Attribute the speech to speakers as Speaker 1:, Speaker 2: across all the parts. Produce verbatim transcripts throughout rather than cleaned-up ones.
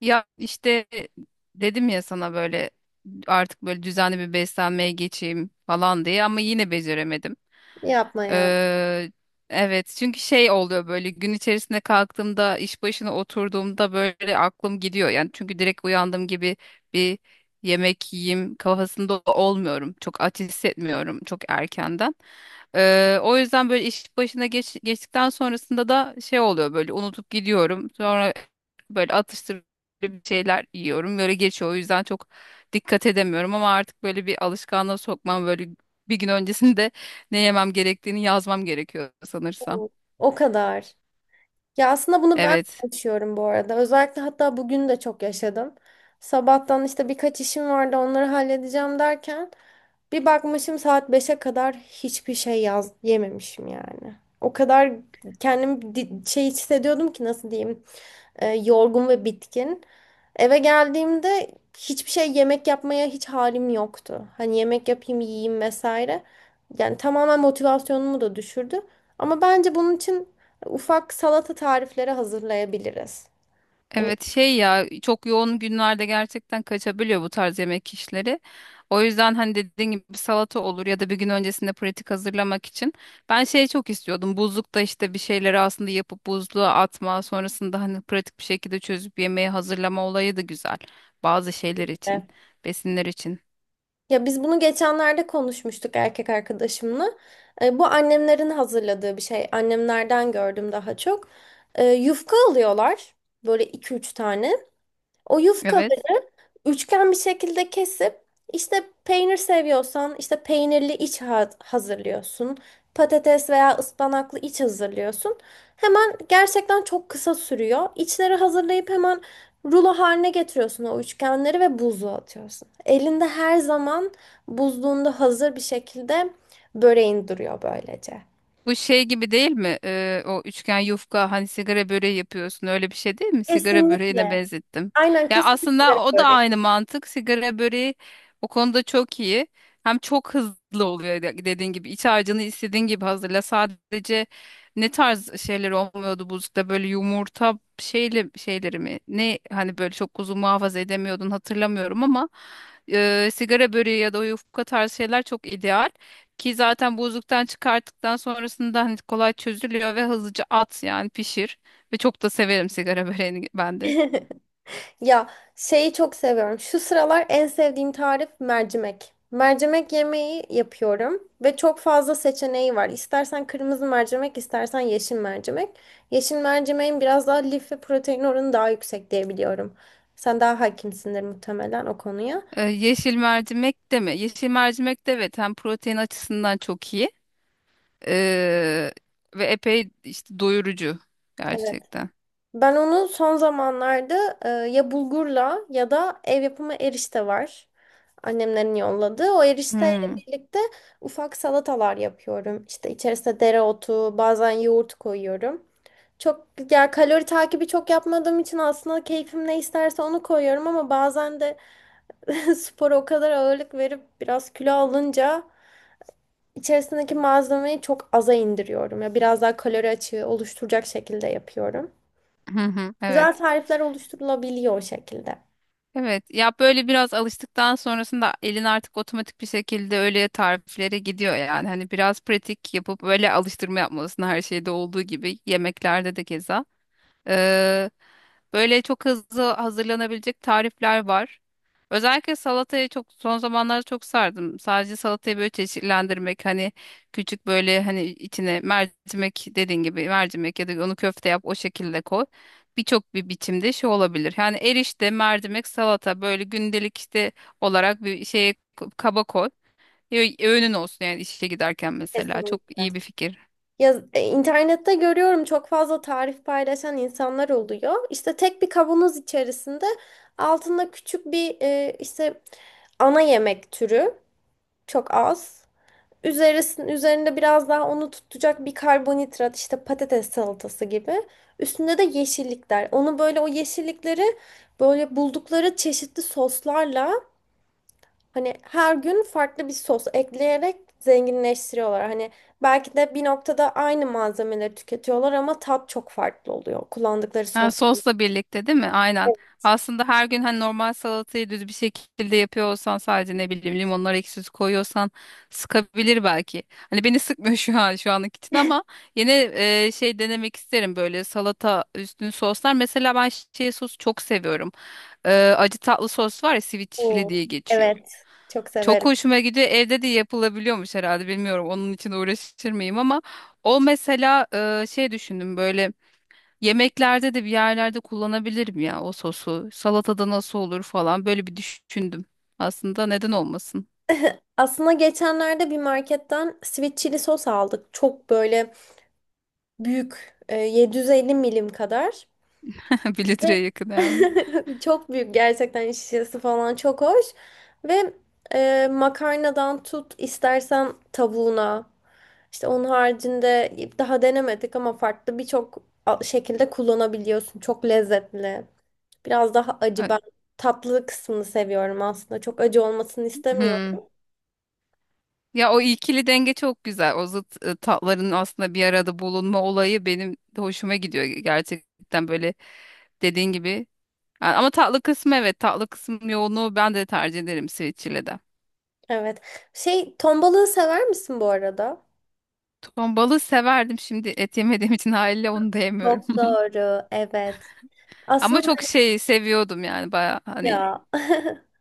Speaker 1: Ya işte dedim ya sana böyle artık böyle düzenli bir beslenmeye geçeyim falan diye ama yine beceremedim.
Speaker 2: Yapma ya.
Speaker 1: Eee, evet çünkü şey oluyor böyle gün içerisinde kalktığımda iş başına oturduğumda böyle aklım gidiyor. Yani çünkü direkt uyandığım gibi bir yemek yiyeyim kafasında olmuyorum. Çok aç hissetmiyorum çok erkenden. Eee, o yüzden böyle iş başına geç, geçtikten sonrasında da şey oluyor böyle unutup gidiyorum. Sonra böyle atıştırıcı bir şeyler yiyorum. Böyle geçiyor. O yüzden çok dikkat edemiyorum ama artık böyle bir alışkanlığa sokmam böyle bir gün öncesinde ne yemem gerektiğini yazmam gerekiyor sanırsam.
Speaker 2: O o kadar. Ya aslında bunu ben
Speaker 1: Evet.
Speaker 2: de yaşıyorum bu arada. Özellikle hatta bugün de çok yaşadım. Sabahtan işte birkaç işim vardı onları halledeceğim derken bir bakmışım saat beşe kadar hiçbir şey yaz yememişim yani. O kadar kendimi di- şey hissediyordum ki nasıl diyeyim e, yorgun ve bitkin. Eve geldiğimde hiçbir şey yemek yapmaya hiç halim yoktu. Hani yemek yapayım yiyeyim vesaire. Yani tamamen motivasyonumu da düşürdü. Ama bence bunun için ufak salata tarifleri hazırlayabiliriz. Hani.
Speaker 1: Evet, şey ya çok yoğun günlerde gerçekten kaçabiliyor bu tarz yemek işleri. O yüzden hani dediğin gibi bir salata olur ya da bir gün öncesinde pratik hazırlamak için. Ben şey çok istiyordum. Buzlukta işte bir şeyleri aslında yapıp buzluğa atma, sonrasında hani pratik bir şekilde çözüp yemeği hazırlama olayı da güzel. Bazı şeyler için,
Speaker 2: Evet.
Speaker 1: besinler için.
Speaker 2: Ya biz bunu geçenlerde konuşmuştuk erkek arkadaşımla. E, bu annemlerin hazırladığı bir şey. Annemlerden gördüm daha çok. E, yufka alıyorlar. Böyle iki üç tane. O yufka
Speaker 1: Evet.
Speaker 2: üçgen bir şekilde kesip işte peynir seviyorsan işte peynirli iç ha- hazırlıyorsun. Patates veya ıspanaklı iç hazırlıyorsun. Hemen gerçekten çok kısa sürüyor. İçleri hazırlayıp hemen rulo haline getiriyorsun o üçgenleri ve buzluğa atıyorsun. Elinde her zaman buzluğunda hazır bir şekilde böreğin duruyor böylece.
Speaker 1: Bu şey gibi değil mi? Ee, o üçgen yufka hani sigara böreği yapıyorsun öyle bir şey değil mi? Sigara böreğine
Speaker 2: Kesinlikle.
Speaker 1: benzettim.
Speaker 2: Aynen
Speaker 1: Yani
Speaker 2: kesinlikle
Speaker 1: aslında o da
Speaker 2: böreği.
Speaker 1: aynı mantık. Sigara böreği o konuda çok iyi. Hem çok hızlı oluyor de- dediğin gibi. İç harcını istediğin gibi hazırla. Sadece ne tarz şeyler olmuyordu buzlukta böyle yumurta şeyle şeyleri mi? Ne hani böyle çok uzun muhafaza edemiyordun hatırlamıyorum ama e, sigara böreği ya da o yufka tarzı şeyler çok ideal. Ki zaten buzluktan çıkarttıktan sonrasında hani kolay çözülüyor ve hızlıca at yani pişir. Ve çok da severim sigara böreğini ben de.
Speaker 2: Ya şeyi çok seviyorum. Şu sıralar en sevdiğim tarif mercimek. Mercimek yemeği yapıyorum ve çok fazla seçeneği var. İstersen kırmızı mercimek, istersen yeşil mercimek. Yeşil mercimeğin biraz daha lif ve protein oranı daha yüksek diye biliyorum. Sen daha hakimsindir muhtemelen o konuya.
Speaker 1: Ee, yeşil mercimek de mi? Yeşil mercimek de evet hem protein açısından çok iyi. Ee, ve epey işte doyurucu
Speaker 2: Evet.
Speaker 1: gerçekten.
Speaker 2: Ben onu son zamanlarda e, ya bulgurla ya da ev yapımı erişte var. Annemlerin yolladığı. O erişteyle
Speaker 1: Hmm.
Speaker 2: birlikte ufak salatalar yapıyorum. İşte içerisine dereotu, bazen yoğurt koyuyorum. Çok ya kalori takibi çok yapmadığım için aslında keyfim ne isterse onu koyuyorum ama bazen de spora o kadar ağırlık verip biraz kilo alınca içerisindeki malzemeyi çok aza indiriyorum. Ya biraz daha kalori açığı oluşturacak şekilde yapıyorum.
Speaker 1: Hı hı,
Speaker 2: Güzel
Speaker 1: evet.
Speaker 2: tarifler oluşturulabiliyor o şekilde.
Speaker 1: Evet, ya böyle biraz alıştıktan sonrasında elin artık otomatik bir şekilde öyle tariflere gidiyor yani hani biraz pratik yapıp böyle alıştırma yapmalısın her şeyde olduğu gibi yemeklerde de keza. Ee, böyle çok hızlı hazırlanabilecek tarifler var. Özellikle salatayı çok son zamanlarda çok sardım. Sadece salatayı böyle çeşitlendirmek hani küçük böyle hani içine mercimek dediğin gibi mercimek ya da onu köfte yap o şekilde koy. Birçok bir biçimde şey olabilir. Yani erişte, mercimek, salata böyle gündelik işte olarak bir şeye kaba koy. Ö- Öğünün olsun yani işe giderken mesela. Çok
Speaker 2: Kesinlikle.
Speaker 1: iyi bir fikir.
Speaker 2: Ya, e, internette görüyorum çok fazla tarif paylaşan insanlar oluyor. İşte tek bir kavanoz içerisinde altında küçük bir e, işte ana yemek türü çok az. Üzerisinin üzerinde biraz daha onu tutacak bir karbonhidrat işte patates salatası gibi. Üstünde de yeşillikler. Onu böyle o yeşillikleri böyle buldukları çeşitli soslarla hani her gün farklı bir sos ekleyerek zenginleştiriyorlar. Hani belki de bir noktada aynı malzemeleri tüketiyorlar ama tat çok farklı oluyor. Kullandıkları
Speaker 1: Ha,
Speaker 2: sos.
Speaker 1: sosla birlikte değil mi? Aynen. Aslında her gün hani normal salatayı düz bir şekilde yapıyor olsan sadece ne bileyim limonları ekşisi koyuyorsan sıkabilir belki. Hani beni sıkmıyor şu an şu anlık için ama yine e, şey denemek isterim böyle salata üstüne soslar. Mesela ben şey sosu çok seviyorum. E, acı tatlı sos var ya sweet chili
Speaker 2: Oo,
Speaker 1: diye geçiyor.
Speaker 2: evet. Çok
Speaker 1: Çok
Speaker 2: severim.
Speaker 1: hoşuma gidiyor. Evde de yapılabiliyormuş herhalde bilmiyorum. Onun için uğraşır mıyım ama o mesela e, şey düşündüm böyle yemeklerde de bir yerlerde kullanabilirim ya o sosu. Salatada nasıl olur falan böyle bir düşündüm. Aslında neden olmasın?
Speaker 2: Aslında geçenlerde bir marketten sweet chili sos aldık. Çok böyle büyük. e, yedi yüz elli milim kadar.
Speaker 1: Bir
Speaker 2: Ve
Speaker 1: litreye yakın yani.
Speaker 2: çok büyük gerçekten şişesi falan çok hoş. Ve e, makarnadan tut istersen tavuğuna. İşte onun haricinde daha denemedik ama farklı birçok a- şekilde kullanabiliyorsun. Çok lezzetli. Biraz daha acı.
Speaker 1: Ö-
Speaker 2: Ben tatlı kısmını seviyorum aslında. Çok acı olmasını
Speaker 1: Hmm.
Speaker 2: istemiyorum.
Speaker 1: Ya o ikili denge çok güzel. O zıt e, tatların aslında bir arada bulunma olayı benim de hoşuma gidiyor gerçekten böyle dediğin gibi. Yani ama tatlı kısmı evet tatlı kısmı yoğunluğu ben de tercih ederim switch ile de.
Speaker 2: Evet. Şey, ton balığı sever misin bu arada?
Speaker 1: Ton balığı severdim, şimdi et yemediğim için haliyle onu da yemiyorum.
Speaker 2: Çok doğru. Evet.
Speaker 1: Ama
Speaker 2: Aslında
Speaker 1: çok şey seviyordum yani baya hani
Speaker 2: ya.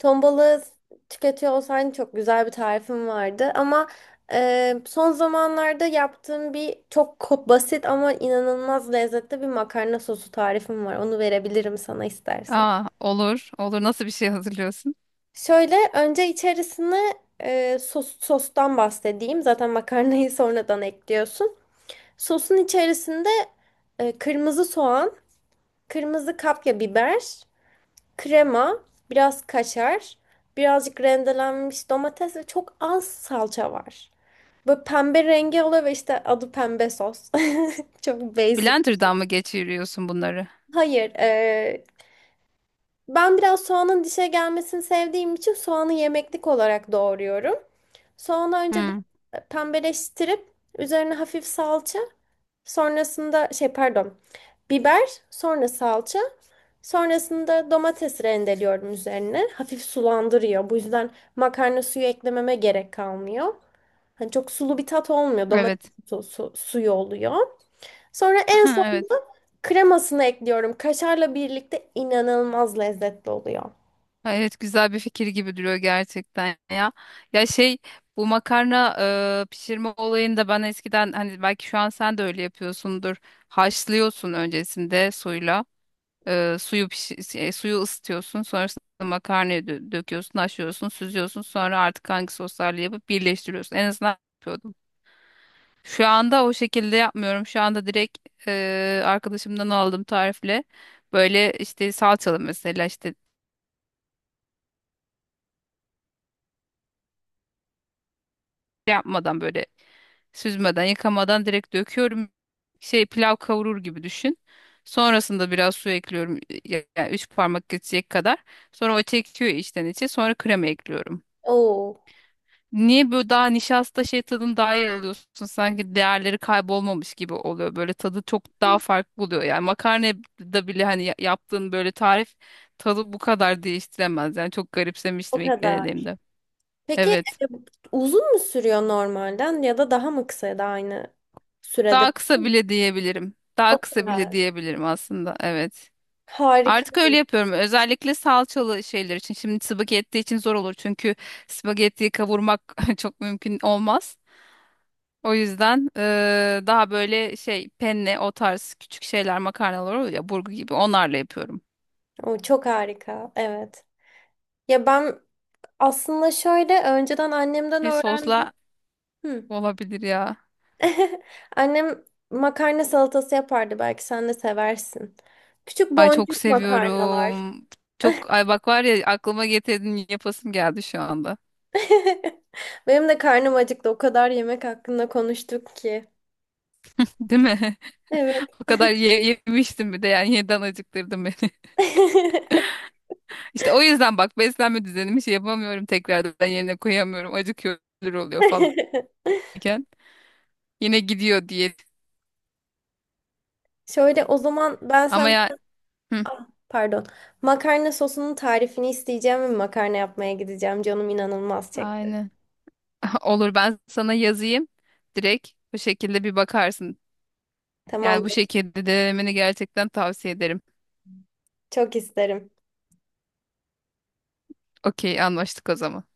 Speaker 2: Ton balığı tüketiyor olsaydın çok güzel bir tarifim vardı. Ama e, son zamanlarda yaptığım bir çok ko- basit ama inanılmaz lezzetli bir makarna sosu tarifim var. Onu verebilirim sana istersen.
Speaker 1: Aa, olur. Olur. Nasıl bir şey hazırlıyorsun?
Speaker 2: Şöyle önce içerisine e, sos, sostan bahsedeyim. Zaten makarnayı sonradan ekliyorsun. Sosun içerisinde e, kırmızı soğan, kırmızı kapya biber. Krema, biraz kaşar, birazcık rendelenmiş domates ve çok az salça var. Böyle pembe rengi oluyor ve işte adı pembe sos. Çok basic.
Speaker 1: Blender'dan mı geçiriyorsun bunları?
Speaker 2: Hayır, eee, ben biraz soğanın dişe gelmesini sevdiğim için soğanı yemeklik olarak doğruyorum. Soğanı önce bir
Speaker 1: Hmm,
Speaker 2: pembeleştirip üzerine hafif salça. Sonrasında şey pardon. Biber, sonra salça. Sonrasında domates rendeliyorum üzerine. Hafif sulandırıyor. Bu yüzden makarna suyu eklememe gerek kalmıyor. Hani çok sulu bir tat olmuyor. Domates
Speaker 1: evet.
Speaker 2: su- su- suyu oluyor. Sonra en
Speaker 1: Ha, evet.
Speaker 2: sonunda kremasını ekliyorum. Kaşarla birlikte inanılmaz lezzetli oluyor.
Speaker 1: Ha, evet, güzel bir fikir gibi duruyor gerçekten ya. Ya şey bu makarna e, pişirme olayında ben eskiden hani belki şu an sen de öyle yapıyorsundur. Haşlıyorsun öncesinde suyla. E, suyu pişi- e, suyu ısıtıyorsun. Sonrasında makarnayı dö- döküyorsun, haşlıyorsun, süzüyorsun. Sonra artık hangi soslarla yapıp birleştiriyorsun. En azından şu anda o şekilde yapmıyorum. Şu anda direkt e, arkadaşımdan aldığım tarifle. Böyle işte salçalı mesela işte şey yapmadan böyle süzmeden yıkamadan direkt döküyorum. Şey pilav kavurur gibi düşün. Sonrasında biraz su ekliyorum. e, Yani üç parmak geçecek kadar. Sonra o çekiyor içten içe. Sonra krema ekliyorum.
Speaker 2: Oo,
Speaker 1: Niye böyle daha nişasta şey tadını daha iyi alıyorsun? Sanki değerleri kaybolmamış gibi oluyor. Böyle tadı çok daha farklı oluyor. Yani makarnada bile hani ya- yaptığın böyle tarif tadı bu kadar değiştiremez. Yani çok
Speaker 2: o
Speaker 1: garipsemiştim ilk
Speaker 2: kadar.
Speaker 1: denediğimde.
Speaker 2: Peki
Speaker 1: Evet.
Speaker 2: e, uzun mu sürüyor normalden ya da daha mı kısa ya da aynı sürede?
Speaker 1: Daha kısa bile diyebilirim. Daha
Speaker 2: O
Speaker 1: kısa bile
Speaker 2: kadar.
Speaker 1: diyebilirim aslında. Evet.
Speaker 2: Harika.
Speaker 1: Artık öyle yapıyorum. Özellikle salçalı şeyler için. Şimdi spagetti için zor olur. Çünkü spagettiyi kavurmak çok mümkün olmaz. O yüzden eee, daha böyle şey penne o tarz küçük şeyler makarnalar oluyor ya burgu gibi onlarla yapıyorum.
Speaker 2: O çok harika. Evet. Ya ben aslında şöyle önceden annemden
Speaker 1: Bir
Speaker 2: öğrendiğim.
Speaker 1: sosla
Speaker 2: Hı.
Speaker 1: olabilir ya.
Speaker 2: Annem makarna salatası yapardı. Belki sen de seversin. Küçük
Speaker 1: Ay çok
Speaker 2: boncuk makarnalar.
Speaker 1: seviyorum. Çok ay bak var ya aklıma getirdin yapasım geldi şu anda.
Speaker 2: Benim de karnım acıktı. O kadar yemek hakkında konuştuk ki.
Speaker 1: Değil mi?
Speaker 2: Evet.
Speaker 1: O kadar ye- yemiştim bir de yani yeniden acıktırdın beni. İşte o yüzden bak beslenme düzenimi şey yapamıyorum tekrardan yerine koyamıyorum. Acıkıyor ölür oluyor falan iken yine gidiyor diye.
Speaker 2: Şöyle o zaman ben
Speaker 1: Ama
Speaker 2: sen.
Speaker 1: ya Hı,
Speaker 2: Ah, pardon. Makarna sosunun tarifini isteyeceğim ve makarna yapmaya gideceğim. Canım inanılmaz çekti.
Speaker 1: aynen. Olur, ben sana yazayım. Direkt bu şekilde bir bakarsın.
Speaker 2: Tamam.
Speaker 1: Yani bu şekilde denemeni gerçekten tavsiye ederim.
Speaker 2: Çok isterim.
Speaker 1: Okey, anlaştık o zaman.